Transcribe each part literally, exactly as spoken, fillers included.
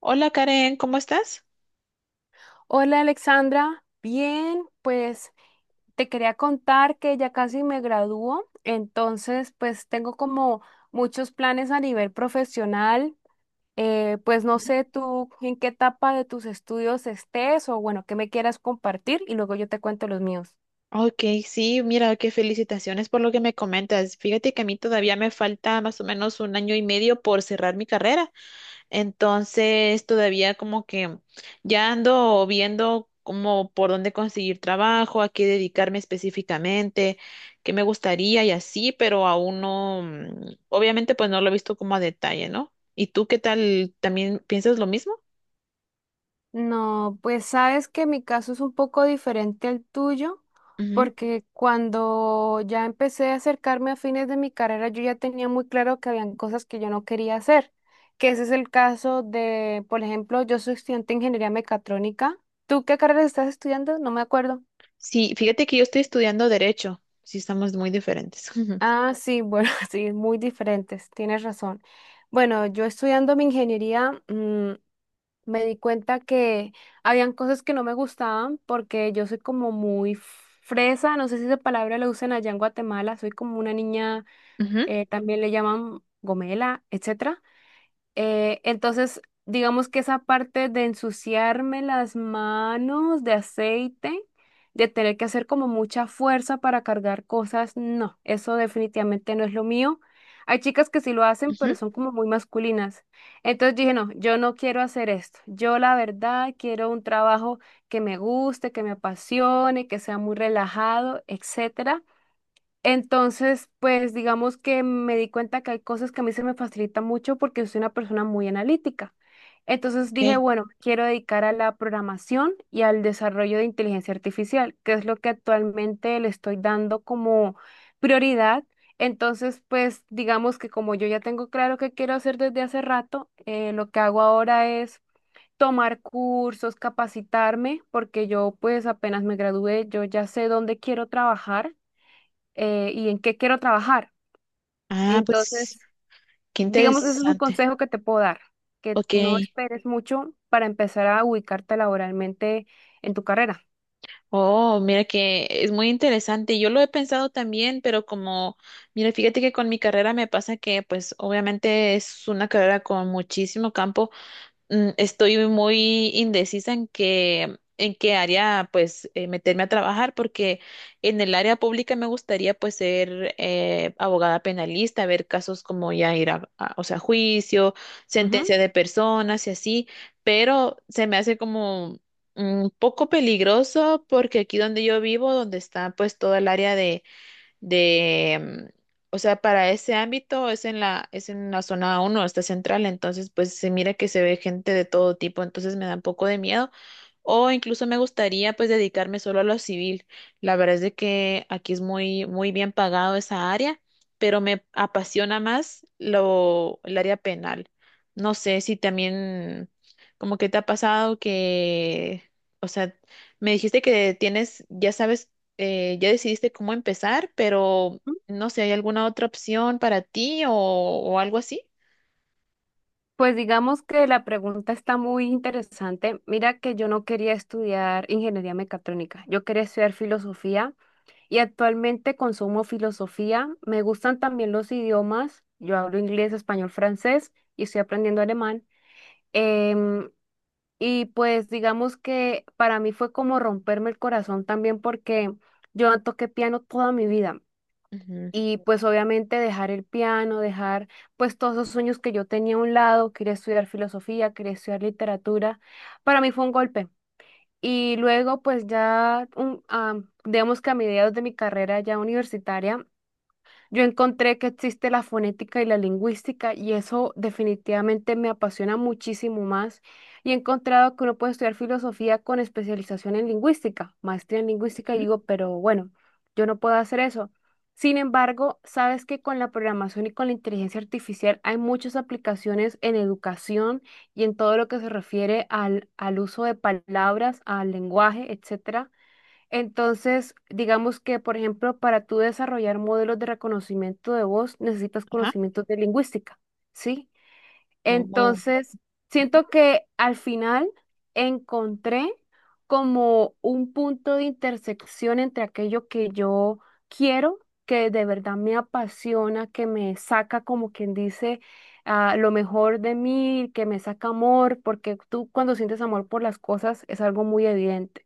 Hola Karen, ¿cómo estás? Hola Alexandra, bien, pues te quería contar que ya casi me gradúo, entonces pues tengo como muchos planes a nivel profesional, eh, pues no Ujú. sé tú en qué etapa de tus estudios estés o bueno, qué me quieras compartir y luego yo te cuento los míos. Ok, sí, mira, qué felicitaciones por lo que me comentas. Fíjate que a mí todavía me falta más o menos un año y medio por cerrar mi carrera. Entonces, todavía como que ya ando viendo como por dónde conseguir trabajo, a qué dedicarme específicamente, qué me gustaría y así, pero aún no, mm, obviamente pues no lo he visto como a detalle, ¿no? ¿Y tú qué tal? ¿También piensas lo mismo? No, pues sabes que mi caso es un poco diferente al tuyo, porque cuando ya empecé a acercarme a fines de mi carrera, yo ya tenía muy claro que habían cosas que yo no quería hacer, que ese es el caso de, por ejemplo, yo soy estudiante de ingeniería mecatrónica. ¿Tú qué carrera estás estudiando? No me acuerdo. Sí, fíjate que yo estoy estudiando derecho. Sí, estamos muy diferentes. Ujú, Ah, sí, bueno, sí, muy diferentes, tienes razón. Bueno, yo estudiando mi ingeniería, me di cuenta que habían cosas que no me gustaban porque yo soy como muy fresa, no sé si esa palabra la usan allá en Guatemala, soy como una niña, Ujú, eh, también le llaman gomela, etcétera. Eh, entonces, digamos que esa parte de ensuciarme las manos de aceite, de tener que hacer como mucha fuerza para cargar cosas, no, eso definitivamente no es lo mío. Hay chicas que sí lo hacen, ujú. pero son como muy masculinas. Entonces dije, no, yo no quiero hacer esto. Yo la verdad quiero un trabajo que me guste, que me apasione, que sea muy relajado, etcétera. Entonces, pues digamos que me di cuenta que hay cosas que a mí se me facilitan mucho porque soy una persona muy analítica. Entonces Ok. dije, bueno, quiero dedicar a la programación y al desarrollo de inteligencia artificial, que es lo que actualmente le estoy dando como prioridad. Entonces, pues digamos que como yo ya tengo claro qué quiero hacer desde hace rato, eh, lo que hago ahora es tomar cursos, capacitarme, porque yo pues apenas me gradué, yo ya sé dónde quiero trabajar eh, y en qué quiero trabajar. Ah, pues Entonces, qué digamos, eso es un interesante. consejo que te puedo dar, que Ok. no esperes mucho para empezar a ubicarte laboralmente en tu carrera. Oh, mira que es muy interesante. Yo lo he pensado también, pero como, mira, fíjate que con mi carrera me pasa que, pues, obviamente es una carrera con muchísimo campo. Mm, estoy muy indecisa en qué, en qué área pues eh, meterme a trabajar porque en el área pública me gustaría pues ser eh, abogada penalista, ver casos como ya ir a, a- o sea, juicio, Ujú. sentencia de personas y así, pero se me hace como un poco peligroso porque aquí donde yo vivo, donde está pues toda el área de, mm, o sea, para ese ámbito es en la, es en la zona uno está central, entonces pues se mira que se ve gente de todo tipo, entonces me da un poco de miedo. O incluso me gustaría pues dedicarme solo a lo civil. La verdad es de que aquí es muy, muy bien pagado esa área, pero me apasiona más lo, el área penal. No sé si también como que te ha pasado que, o sea, me dijiste que tienes, ya sabes, eh, ya decidiste cómo empezar, pero no sé, ¿hay alguna otra opción para ti o, o algo así? Pues digamos que la pregunta está muy interesante. Mira que yo no quería estudiar ingeniería mecatrónica, yo quería estudiar filosofía y actualmente consumo filosofía. Me gustan también los idiomas, yo hablo inglés, español, francés y estoy aprendiendo alemán. Em, Y pues digamos que para mí fue como romperme el corazón también porque yo toqué piano toda mi vida Ujú, y pues obviamente dejar el piano, dejar pues todos esos sueños que yo tenía a un lado, quería estudiar filosofía, quería estudiar literatura, para mí fue un golpe. Y luego pues ya, un, ah, digamos que a mediados de mi carrera ya universitaria, yo encontré que existe la fonética y la lingüística y eso definitivamente me apasiona muchísimo más. Y he encontrado que uno puede estudiar filosofía con especialización en lingüística, maestría en lingüística, y ujú, digo, pero bueno, yo no puedo hacer eso. Sin embargo, sabes que con la programación y con la inteligencia artificial hay muchas aplicaciones en educación y en todo lo que se refiere al, al uso de palabras, al lenguaje, etcétera. Entonces, digamos que, por ejemplo, para tú desarrollar modelos de reconocimiento de voz, necesitas ajá. conocimientos de lingüística, ¿sí? Oh, Entonces, siento que al final encontré como un punto de intersección entre aquello que yo quiero, que de verdad me apasiona, que me saca, como quien dice, ah, lo mejor de mí, que me saca amor, porque tú cuando sientes amor por las cosas es algo muy evidente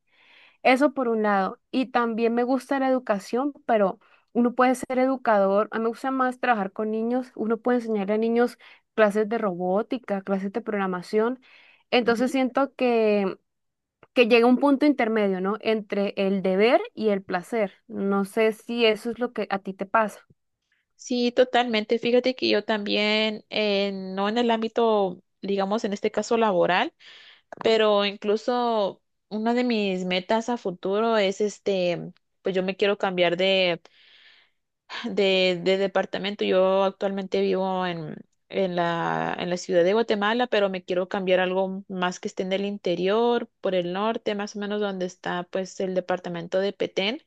eso por un lado. Y también me gusta la educación, pero uno puede ser educador. A mí me gusta más trabajar con niños. Uno puede enseñar a niños clases de robótica, clases de programación. Entonces ujú. siento que, que llega un punto intermedio, ¿no? Entre el deber y el placer. No sé si eso es lo que a ti te pasa. Sí, totalmente. Fíjate que yo también, eh, no en el ámbito, digamos, en este caso laboral, pero incluso una de mis metas a futuro es este, pues yo me quiero cambiar de de, de departamento. Yo actualmente vivo en, en la, en la ciudad de Guatemala, pero me quiero cambiar a algo más que esté en el interior, por el norte, más o menos donde está pues el departamento de Petén.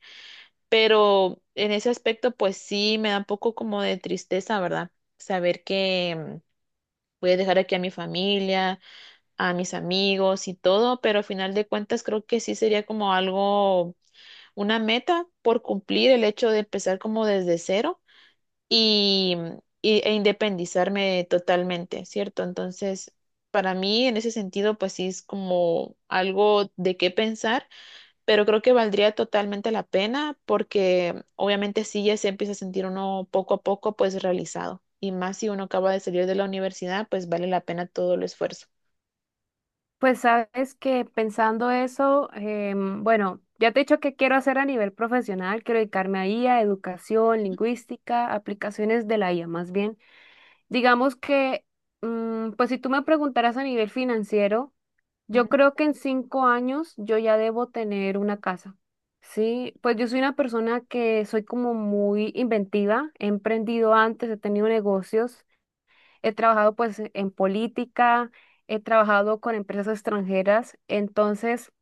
Pero en ese aspecto pues sí me da un poco como de tristeza, ¿verdad? Saber que mm, voy a dejar aquí a mi familia, a mis amigos y todo, pero al final de cuentas creo que sí sería como algo, una meta por cumplir el hecho de empezar como desde cero y, y- e independizarme totalmente, ¿cierto? Entonces, para mí en ese sentido, pues sí es como algo de qué pensar, pero creo que valdría totalmente la pena porque obviamente sí ya se empieza a sentir uno poco a poco pues realizado. Y más si uno acaba de salir de la universidad, pues vale la pena todo el esfuerzo. Pues sabes que pensando eso, em, bueno, ya te he dicho que quiero hacer a nivel profesional, quiero dedicarme a I A, educación, lingüística, aplicaciones de la I A más bien. Digamos que, mm, pues si tú me preguntaras a nivel financiero, Ujú. yo creo que en cinco años yo ya debo tener una casa. Sí, pues yo soy una persona que soy como muy inventiva, he emprendido antes, he tenido negocios, he trabajado pues en política, he trabajado con empresas extranjeras, entonces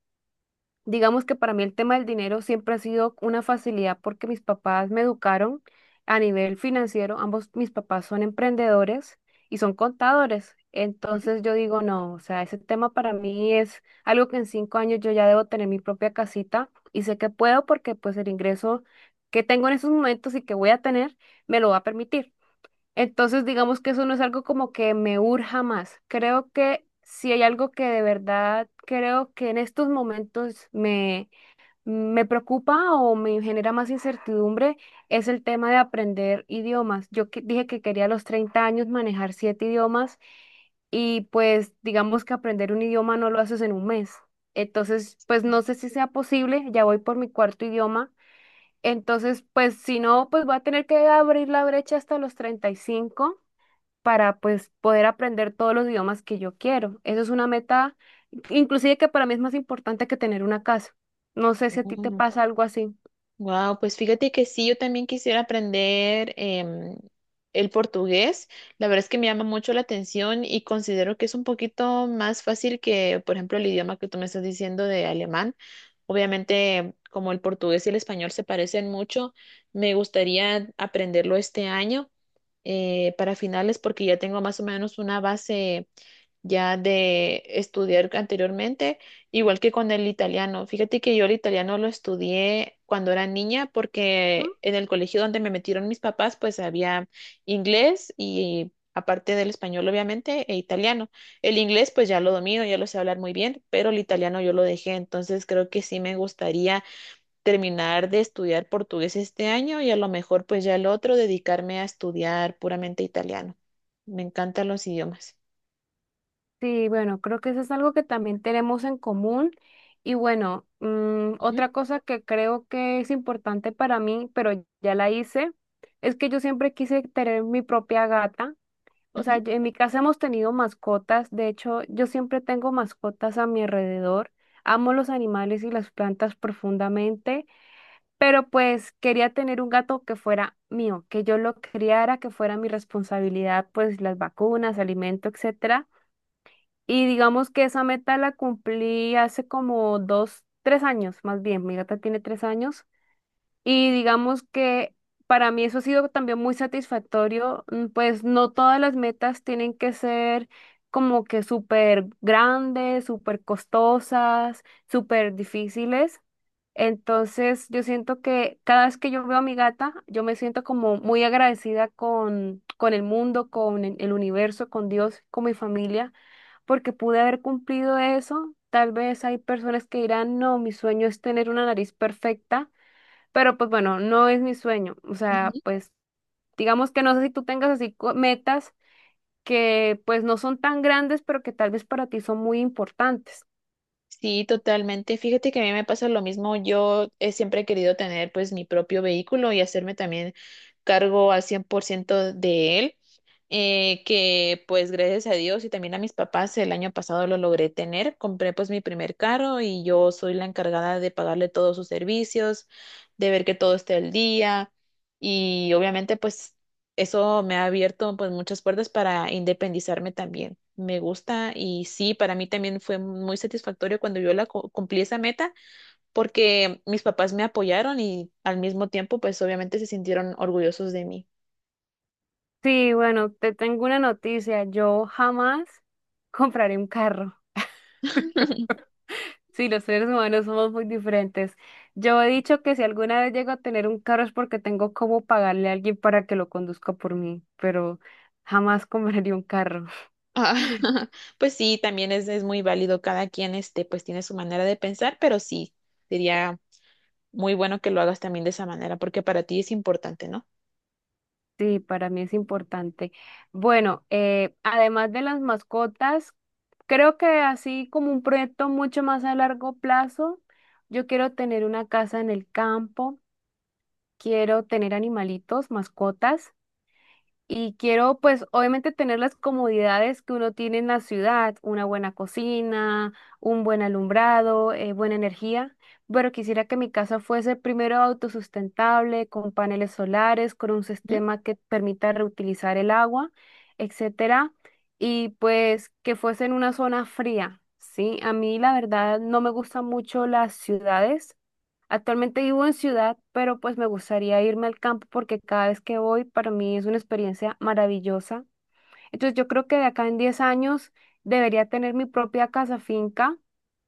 digamos que para mí el tema del dinero siempre ha sido una facilidad porque mis papás me educaron a nivel financiero. Ambos mis papás son emprendedores y son contadores. Entonces yo digo, no, o sea, ese tema para mí es algo que en cinco años yo ya debo tener mi propia casita y sé que puedo porque pues el ingreso que tengo en esos momentos y que voy a tener me lo va a permitir. Entonces, digamos que eso no es algo como que me urja más. Creo que si hay algo que de verdad creo que en estos momentos me, me preocupa o me genera más incertidumbre, es el tema de aprender idiomas. Yo que- dije que quería a los treinta años manejar siete idiomas y pues digamos que aprender un idioma no lo haces en un mes. Entonces, pues no sé si sea posible, ya voy por mi cuarto idioma. Entonces, pues si no, pues voy a tener que abrir la brecha hasta los treinta y cinco para pues poder aprender todos los idiomas que yo quiero. Eso es una meta, inclusive que para mí es más importante que tener una casa. No sé si a ti te Ujú. pasa algo así. Wow, pues fíjate que sí, yo también quisiera aprender, em, el portugués. La verdad es que me llama mucho la atención y considero que es un poquito más fácil que, por ejemplo, el idioma que tú me estás diciendo de alemán. Obviamente, como el portugués y el español se parecen mucho, me gustaría aprenderlo este año, eh, para finales porque ya tengo más o menos una base ya de estudiar anteriormente, igual que con el italiano. Fíjate que yo el italiano lo estudié cuando era niña ¿No? porque en el colegio donde me metieron mis papás, pues había inglés y aparte del español, obviamente, e italiano. El inglés, pues ya lo domino, ya lo sé hablar muy bien, pero el italiano yo lo dejé, entonces creo que sí me gustaría terminar de estudiar portugués este año y a lo mejor pues ya el otro dedicarme a estudiar puramente italiano. Me encantan los idiomas. Sí, bueno, creo que eso es algo que también tenemos en común. Y bueno, mm, Ujú, otra cosa que creo que es importante para mí, pero ya la hice, es que yo siempre quise tener mi propia gata. O ujú. sea, yo- en mi casa hemos tenido mascotas, de hecho, yo siempre tengo mascotas a mi alrededor. Amo los animales y las plantas profundamente, pero pues quería tener un gato que fuera mío, que yo lo criara, que fuera mi responsabilidad, pues las vacunas, alimento, etcétera. Y digamos que esa meta la cumplí hace como dos, tres años, más bien. Mi gata tiene tres años. Y digamos que para mí eso ha sido también muy satisfactorio, mm, pues no todas las metas tienen que ser como que súper grandes, súper costosas, súper difíciles. Entonces yo siento que cada vez que yo veo a mi gata, yo me siento como muy agradecida con, con el mundo, con el el universo, con Dios, con mi familia, porque pude haber cumplido eso. Tal vez hay personas que dirán, no, mi sueño es tener una nariz perfecta, pero pues bueno, no es mi sueño. O sea, Ujú. pues digamos que no sé si tú tengas así co- metas que pues no son tan grandes, pero que tal vez para ti son muy importantes. Sí, totalmente. Fíjate que a mí me pasa lo mismo. Yo he siempre he querido tener pues mi propio vehículo y hacerme también cargo al cien por ciento de él, eh, que pues gracias a Dios y también a mis papás el año pasado lo logré tener. Compré pues mi primer carro y yo soy la encargada de pagarle todos sus servicios, de ver que todo esté al día y obviamente pues eso me ha abierto pues muchas puertas para independizarme también. Me gusta y sí, para mí también fue muy satisfactorio cuando yo la cu- cumplí esa meta porque mis papás me apoyaron y al mismo tiempo pues obviamente se sintieron orgullosos de mí. Sí, bueno, te tengo una noticia. Yo jamás compraré un carro. Sí, los seres humanos somos muy diferentes. Yo he dicho que si alguna vez llego a tener un carro es porque tengo cómo pagarle a alguien para que lo conduzca por mí, pero jamás compraría un carro. Ah, pues sí, también es, es muy válido. Cada quien este pues tiene su manera de pensar, pero sí, sería muy bueno que lo hagas también de esa manera porque para ti es importante, ¿no? Sí, para mí es importante. Bueno, eh, además de las mascotas, creo que así como un proyecto mucho más a largo plazo, yo quiero tener una casa en el campo, quiero tener animalitos, mascotas. Y quiero, pues, obviamente tener las comodidades que uno tiene en la ciudad, una buena cocina, un buen alumbrado, eh, buena energía, pero quisiera que mi casa fuese primero autosustentable, con paneles solares, con un sistema que permita reutilizar el agua, etcétera, y pues que fuese en una zona fría, ¿sí? A mí, la verdad, no me gustan mucho las ciudades. Actualmente vivo en ciudad, pero pues me gustaría irme al campo porque cada vez que voy para mí es una experiencia maravillosa. Entonces yo creo que de acá en diez años debería tener mi propia casa finca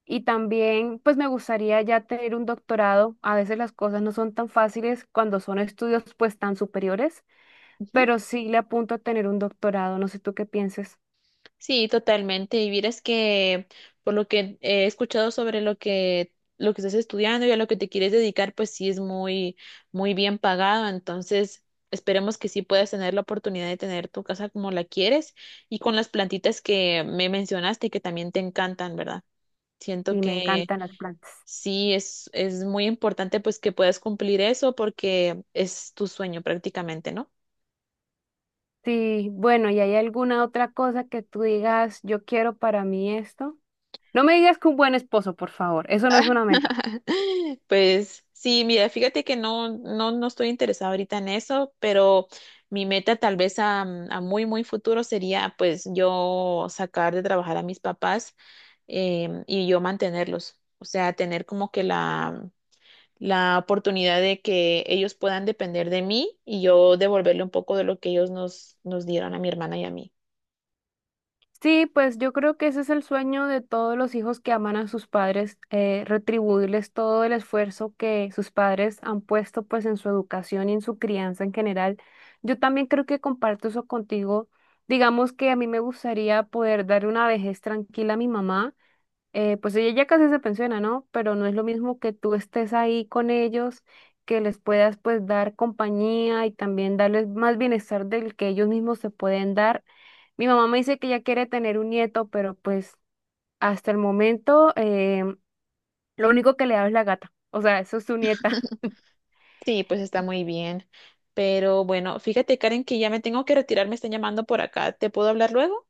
y también pues me gustaría ya tener un doctorado. A veces las cosas no son tan fáciles cuando son estudios pues tan superiores, ¿Mm? pero sí le apunto a tener un doctorado. No sé tú qué pienses Sí, totalmente. Y vieras que por lo que he escuchado sobre lo que lo que estás estudiando y a lo que te quieres dedicar, pues sí es muy muy bien pagado. Entonces, esperemos que sí puedas tener la oportunidad de tener tu casa como la quieres y con las plantitas que me mencionaste que también te encantan, ¿verdad? Siento y me que encantan las plantas. sí es es muy importante pues que puedas cumplir eso porque es tu sueño prácticamente, ¿no? Sí, bueno, ¿y hay alguna otra cosa que tú digas, yo quiero para mí esto? No me digas que un buen esposo, por favor. Eso no es una meta. Pues sí, mira, fíjate que no, no, no estoy interesada ahorita en eso, pero mi meta tal vez a, a muy, muy futuro sería pues yo sacar de trabajar a mis papás, em, y yo mantenerlos, o sea, tener como que la, la oportunidad de que ellos puedan depender de mí y yo devolverle un poco de lo que ellos nos, nos dieron a mi hermana y a mí. Sí, pues yo creo que ese es el sueño de todos los hijos que aman a sus padres, eh, retribuirles todo el esfuerzo que sus padres han puesto pues en su educación y en su crianza en general. Yo también creo que comparto eso contigo. Digamos que a mí me gustaría poder dar una vejez tranquila a mi mamá, eh, pues ella ya casi se pensiona, ¿no? Pero no es lo mismo que tú estés ahí con ellos, que les puedas pues dar compañía y también darles más bienestar del que ellos mismos se pueden dar. Mi mamá me dice que ella quiere tener un nieto, pero pues hasta el momento eh, lo único que le da es la gata, o sea, eso es su nieta. Sí, pues está muy bien, pero bueno, fíjate, Karen, que ya me tengo que retirar, me están llamando por acá, ¿te puedo hablar luego?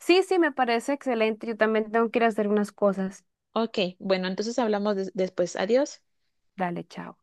Sí, sí, me parece excelente, yo también tengo que ir a hacer unas cosas. Ok, bueno, entonces hablamos des- después. Adiós. Dale, chao.